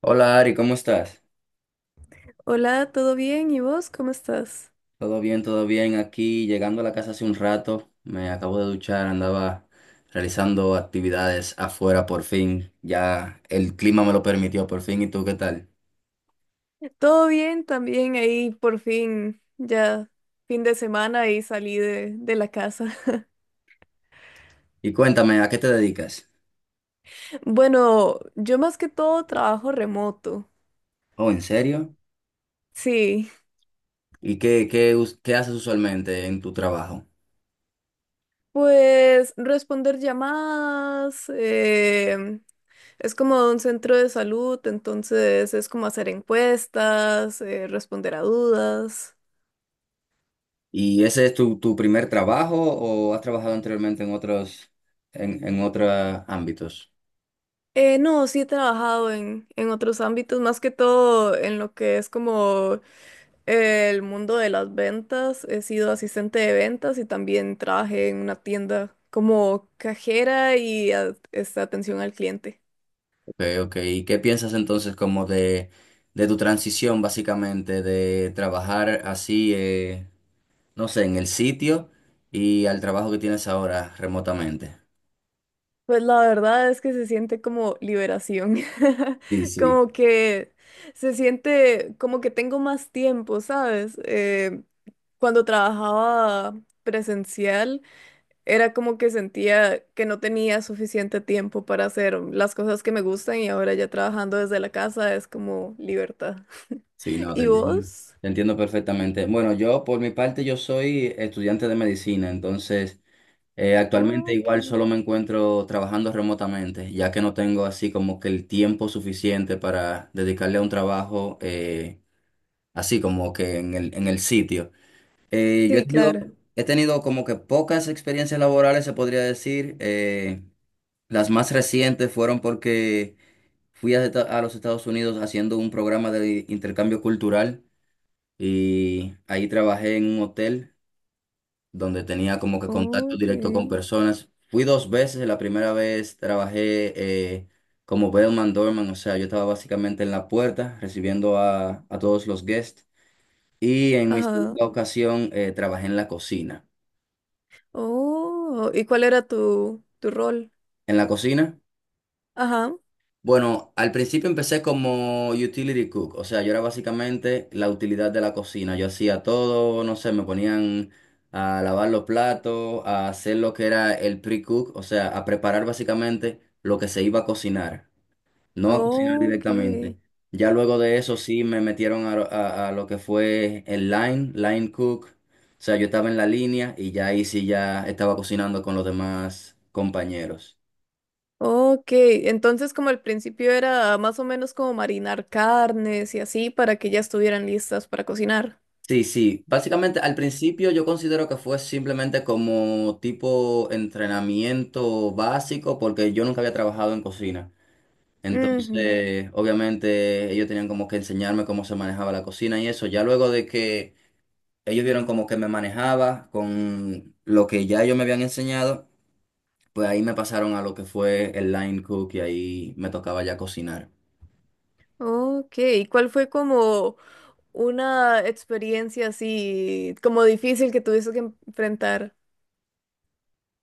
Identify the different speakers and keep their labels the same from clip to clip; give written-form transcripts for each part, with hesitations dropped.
Speaker 1: Hola, Ari, ¿cómo estás?
Speaker 2: Hola, ¿todo bien? ¿Y vos cómo estás?
Speaker 1: Todo bien, todo bien. Aquí llegando a la casa hace un rato, me acabo de duchar, andaba realizando actividades afuera por fin. Ya el clima me lo permitió por fin. ¿Y tú qué tal?
Speaker 2: Todo bien, también ahí por fin, ya fin de semana y salí de la casa.
Speaker 1: Y cuéntame, ¿a qué te dedicas?
Speaker 2: Bueno, yo más que todo trabajo remoto.
Speaker 1: Oh, ¿en serio?
Speaker 2: Sí,
Speaker 1: ¿Y qué haces usualmente en tu trabajo?
Speaker 2: pues responder llamadas, es como un centro de salud, entonces es como hacer encuestas, responder a dudas.
Speaker 1: ¿Y ese es tu primer trabajo o has trabajado anteriormente en en otros ámbitos?
Speaker 2: No, sí he trabajado en otros ámbitos, más que todo en lo que es como el mundo de las ventas. He sido asistente de ventas y también trabajé en una tienda como cajera y este, atención al cliente.
Speaker 1: Okay, ok. ¿Y qué piensas entonces como de tu transición básicamente de trabajar así, no sé, en el sitio y al trabajo que tienes ahora remotamente?
Speaker 2: Pues la verdad es que se siente como liberación,
Speaker 1: Sí, sí,
Speaker 2: como que se siente como que tengo más tiempo, ¿sabes? Cuando trabajaba presencial. Era como que sentía que no tenía suficiente tiempo para hacer las cosas que me gustan y ahora ya trabajando desde la casa es como libertad.
Speaker 1: sí, no, te
Speaker 2: ¿Y
Speaker 1: entiendo.
Speaker 2: vos?
Speaker 1: Te entiendo perfectamente. Bueno, yo por mi parte yo soy estudiante de medicina, entonces actualmente
Speaker 2: Ok.
Speaker 1: igual solo me encuentro trabajando remotamente, ya que no tengo así como que el tiempo suficiente para dedicarle a un trabajo así como que en el sitio. Yo he
Speaker 2: Sí, claro.
Speaker 1: tenido como que pocas experiencias laborales, se podría decir. Las más recientes fueron porque fui a los Estados Unidos haciendo un programa de intercambio cultural y ahí trabajé en un hotel donde tenía como que
Speaker 2: Oh,
Speaker 1: contacto directo con
Speaker 2: ok.
Speaker 1: personas. Fui dos veces, la primera vez trabajé eh, como bellman doorman, o sea, yo estaba básicamente en la puerta recibiendo a todos los guests y en mi
Speaker 2: Ajá.
Speaker 1: segunda ocasión trabajé en la cocina.
Speaker 2: Oh, ¿y cuál era tu rol?
Speaker 1: En la cocina.
Speaker 2: Ajá.
Speaker 1: Bueno, al principio empecé como utility cook, o sea, yo era básicamente la utilidad de la cocina. Yo hacía todo, no sé, me ponían a lavar los platos, a hacer lo que era el pre-cook, o sea, a preparar básicamente lo que se iba a cocinar, no a cocinar
Speaker 2: Oh,
Speaker 1: directamente.
Speaker 2: ok.
Speaker 1: Ya luego de eso sí me metieron a lo que fue el line cook, o sea, yo estaba en la línea y ya ahí sí ya estaba cocinando con los demás compañeros.
Speaker 2: Oh, ok. Entonces, como al principio era más o menos como marinar carnes y así para que ya estuvieran listas para cocinar.
Speaker 1: Sí, sí. Básicamente, al principio yo considero que fue simplemente como tipo entrenamiento básico, porque yo nunca había trabajado en cocina.
Speaker 2: Ujú.
Speaker 1: Entonces, obviamente, ellos tenían como que enseñarme cómo se manejaba la cocina y eso. Ya luego de que ellos vieron como que me manejaba con lo que ya ellos me habían enseñado, pues ahí me pasaron a lo que fue el line cook y ahí me tocaba ya cocinar.
Speaker 2: Ok. ¿Y cuál fue como una experiencia así como difícil que tuviste que enfrentar?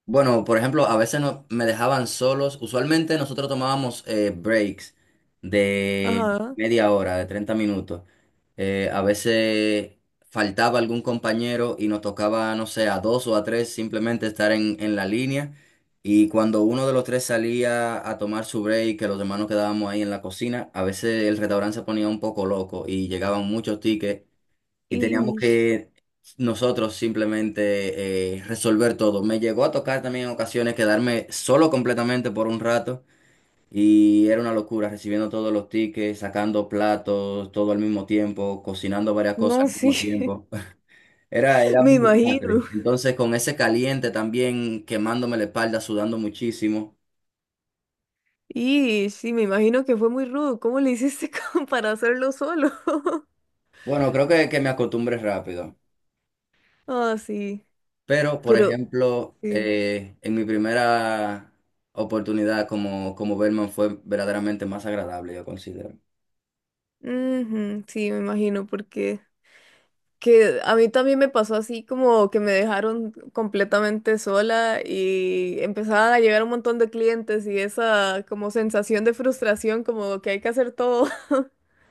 Speaker 1: Bueno, por ejemplo, a veces me dejaban solos. Usualmente nosotros tomábamos breaks de
Speaker 2: Ajá.
Speaker 1: media hora, de 30 minutos. A veces faltaba algún compañero y nos tocaba, no sé, a dos o a tres simplemente estar en la línea. Y cuando uno de los tres salía a tomar su break, que los demás nos quedábamos ahí en la cocina, a veces el restaurante se ponía un poco loco y llegaban muchos tickets y teníamos
Speaker 2: Y
Speaker 1: que nosotros simplemente resolver todo. Me llegó a tocar también en ocasiones quedarme solo completamente por un rato y era una locura recibiendo todos los tickets, sacando platos, todo al mismo tiempo, cocinando varias cosas
Speaker 2: no,
Speaker 1: al
Speaker 2: sí,
Speaker 1: mismo tiempo. Era
Speaker 2: me
Speaker 1: un desastre.
Speaker 2: imagino.
Speaker 1: Entonces con ese caliente también quemándome la espalda, sudando muchísimo.
Speaker 2: Y sí, me imagino que fue muy rudo. ¿Cómo le hiciste como para hacerlo solo?
Speaker 1: Bueno, creo que me acostumbré rápido.
Speaker 2: Ah, sí.
Speaker 1: Pero, por
Speaker 2: Pero
Speaker 1: ejemplo,
Speaker 2: sí.
Speaker 1: en mi primera oportunidad como Bellman fue verdaderamente más agradable, yo considero.
Speaker 2: Ujú, sí, me imagino porque que a mí también me pasó así como que me dejaron completamente sola y empezaban a llegar un montón de clientes y esa como sensación de frustración como que hay que hacer todo.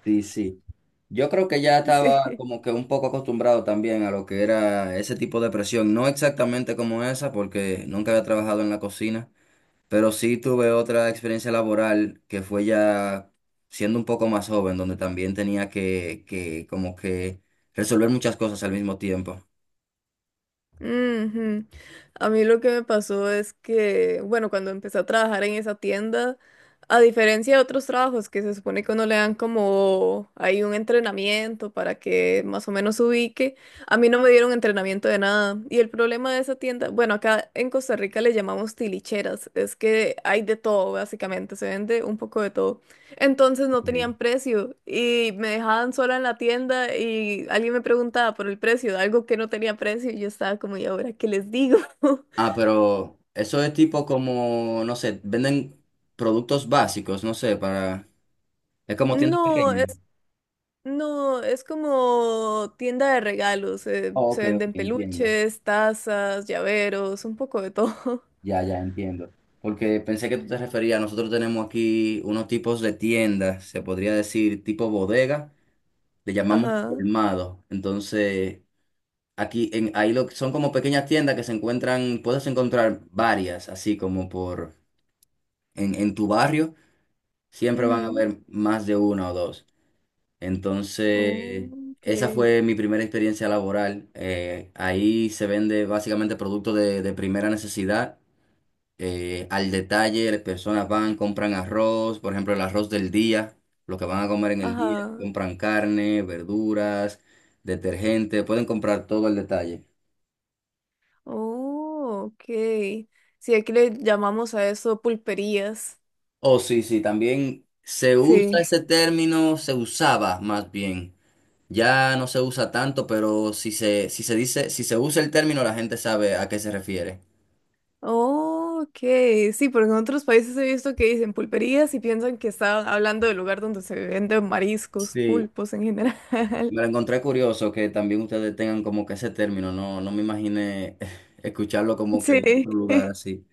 Speaker 1: Sí, sí. Yo creo que ya estaba
Speaker 2: Sí.
Speaker 1: como que un poco acostumbrado también a lo que era ese tipo de presión, no exactamente como esa, porque nunca había trabajado en la cocina, pero sí tuve otra experiencia laboral que fue ya siendo un poco más joven, donde también tenía que como que resolver muchas cosas al mismo tiempo.
Speaker 2: Ujú. A mí lo que me pasó es que, bueno, cuando empecé a trabajar en esa tienda, a diferencia de otros trabajos que se supone que uno le dan como hay un entrenamiento para que más o menos se ubique, a mí no me dieron entrenamiento de nada. Y el problema de esa tienda, bueno, acá en Costa Rica le llamamos tilicheras, es que hay de todo, básicamente, se vende un poco de todo. Entonces no tenían precio y me dejaban sola en la tienda y alguien me preguntaba por el precio de algo que no tenía precio y yo estaba como, ¿y ahora qué les digo?
Speaker 1: Ah, pero eso es tipo como, no sé, venden productos básicos, no sé, para... Es como tienda
Speaker 2: No,
Speaker 1: pequeña.
Speaker 2: es, no, es como tienda de regalos.
Speaker 1: Oh,
Speaker 2: Se
Speaker 1: ok, ok,
Speaker 2: venden
Speaker 1: entiendo.
Speaker 2: peluches, tazas, llaveros, un poco de todo.
Speaker 1: Ya, ya, entiendo. Porque pensé que tú te referías, nosotros tenemos aquí unos tipos de tiendas, se podría decir tipo bodega, le llamamos
Speaker 2: Ajá.
Speaker 1: colmado. Entonces, aquí en, ahí lo, son como pequeñas tiendas que se encuentran, puedes encontrar varias, así como por en tu barrio, siempre van a
Speaker 2: Ujú,
Speaker 1: haber más de una o dos.
Speaker 2: oh,
Speaker 1: Entonces, esa
Speaker 2: ok.
Speaker 1: fue mi primera experiencia laboral. Ahí se vende básicamente productos de primera necesidad. Al detalle, las personas van, compran arroz, por ejemplo, el arroz del día, lo que van a comer en el día,
Speaker 2: Ajá.
Speaker 1: compran carne, verduras, detergente, pueden comprar todo al detalle.
Speaker 2: Oh, ok. Sí, aquí le llamamos a eso pulperías.
Speaker 1: Oh, sí, sí, también se usa
Speaker 2: Sí.
Speaker 1: ese término, se usaba más bien. Ya no se usa tanto, pero si si se dice, si se usa el término, la gente sabe a qué se refiere.
Speaker 2: Oh, ok, sí, porque en otros países he visto que dicen pulperías y piensan que están hablando del lugar donde se venden mariscos,
Speaker 1: Sí,
Speaker 2: pulpos en general.
Speaker 1: me lo encontré curioso que también ustedes tengan como que ese término, no, no me imaginé escucharlo como que en
Speaker 2: Sí,
Speaker 1: otro lugar así.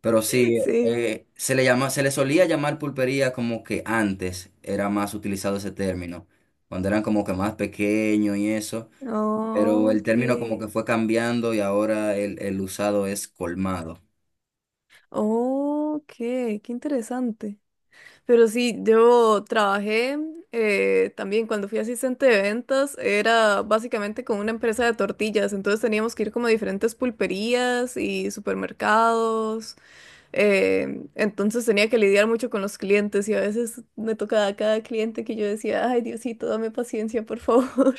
Speaker 1: Pero sí,
Speaker 2: sí.
Speaker 1: se le se le solía llamar pulpería como que antes era más utilizado ese término, cuando eran como que más pequeños y eso, pero
Speaker 2: Oh,
Speaker 1: el
Speaker 2: ok.
Speaker 1: término como que fue cambiando y ahora el usado es colmado.
Speaker 2: Oh, ok, qué interesante. Pero sí, yo trabajé también cuando fui asistente de ventas, era básicamente con una empresa de tortillas, entonces teníamos que ir como a diferentes pulperías y supermercados. Entonces tenía que lidiar mucho con los clientes y a veces me tocaba a cada cliente que yo decía, ay Diosito, dame paciencia, por favor.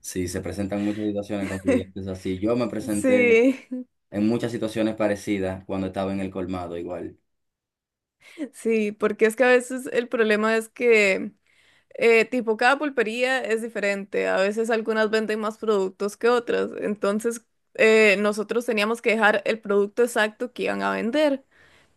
Speaker 1: Sí, se presentan muchas situaciones con clientes así. Yo me presenté
Speaker 2: Sí,
Speaker 1: en muchas situaciones parecidas cuando estaba en el colmado igual.
Speaker 2: sí, porque es que a veces el problema es que tipo, cada pulpería es diferente. A veces algunas venden más productos que otras. Entonces, nosotros teníamos que dejar el producto exacto que iban a vender.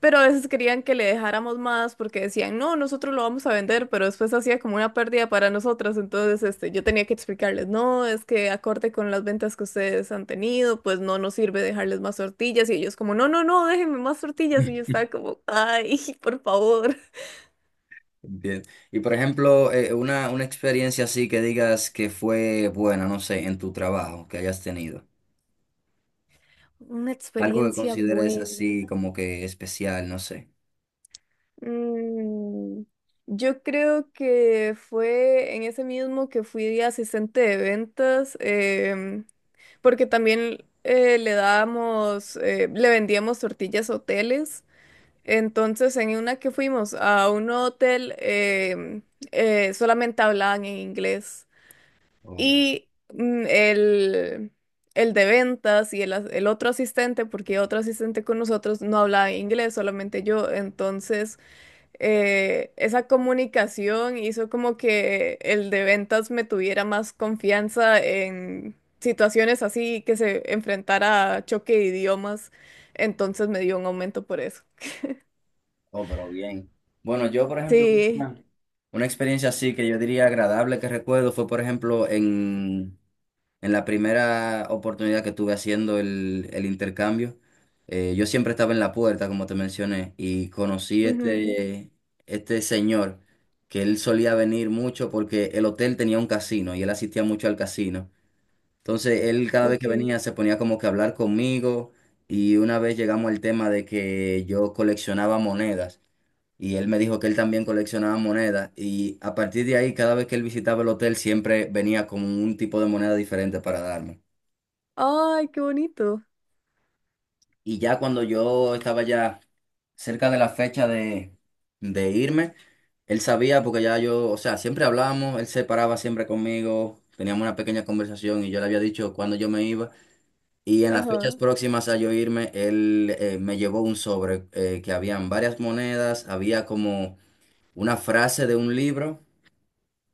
Speaker 2: Pero a veces querían que le dejáramos más porque decían, no, nosotros lo vamos a vender, pero después hacía como una pérdida para nosotras. Entonces, este, yo tenía que explicarles, no, es que acorde con las ventas que ustedes han tenido, pues no nos sirve dejarles más tortillas. Y ellos como, no, no, no, déjenme más tortillas. Y yo estaba como, ay, por favor.
Speaker 1: Bien. Y por ejemplo, una experiencia así que digas que fue buena, no sé, en tu trabajo que hayas tenido.
Speaker 2: Una
Speaker 1: Algo que
Speaker 2: experiencia
Speaker 1: consideres
Speaker 2: buena.
Speaker 1: así como que especial, no sé.
Speaker 2: Mm, yo creo que fue en ese mismo que fui de asistente de ventas, porque también le dábamos, le vendíamos tortillas a hoteles. Entonces, en una que fuimos a un hotel, solamente hablaban en inglés.
Speaker 1: Oh,
Speaker 2: Y mm, el, el de ventas y el, el otro asistente, porque otro asistente con nosotros no hablaba inglés, solamente yo. Entonces esa comunicación hizo como que el de ventas me tuviera más confianza en situaciones así que se enfrentara a choque de idiomas. Entonces me dio un aumento por eso.
Speaker 1: oh, pero bien. Bueno, yo por ejemplo,
Speaker 2: Sí.
Speaker 1: una, una experiencia así que yo diría agradable que recuerdo fue por ejemplo en la primera oportunidad que tuve haciendo el intercambio, yo siempre estaba en la puerta, como te mencioné, y conocí
Speaker 2: Ujú,
Speaker 1: este señor que él solía venir mucho porque el hotel tenía un casino y él asistía mucho al casino. Entonces, él cada vez que
Speaker 2: ok.
Speaker 1: venía se ponía como que a hablar conmigo y una vez llegamos al tema de que yo coleccionaba monedas y él me dijo que él también coleccionaba monedas y a partir de ahí, cada vez que él visitaba el hotel, siempre venía con un tipo de moneda diferente para darme.
Speaker 2: Ay, qué bonito.
Speaker 1: Y ya cuando yo estaba ya cerca de la fecha de irme, él sabía porque ya yo, o sea, siempre hablábamos, él se paraba siempre conmigo, teníamos una pequeña conversación y yo le había dicho cuándo yo me iba. Y en las fechas
Speaker 2: Ajá.
Speaker 1: próximas a yo irme, él me llevó un sobre que habían varias monedas, había como una frase de un libro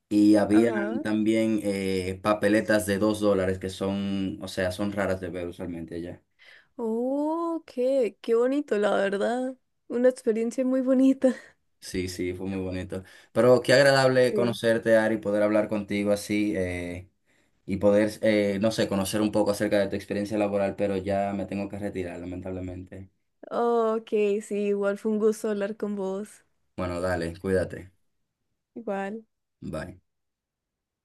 Speaker 1: y habían
Speaker 2: Ajá.
Speaker 1: también papeletas de $2 que son, o sea, son raras de ver usualmente allá.
Speaker 2: Oh, qué, qué bonito, la verdad. Una experiencia muy bonita.
Speaker 1: Sí, sí, fue muy bonito. Pero qué agradable
Speaker 2: Sí.
Speaker 1: conocerte, Ari, poder hablar contigo así y poder, no sé, conocer un poco acerca de tu experiencia laboral, pero ya me tengo que retirar, lamentablemente.
Speaker 2: Oh, ok, sí, igual fue un gusto hablar con vos.
Speaker 1: Bueno, dale, cuídate.
Speaker 2: Igual.
Speaker 1: Bye.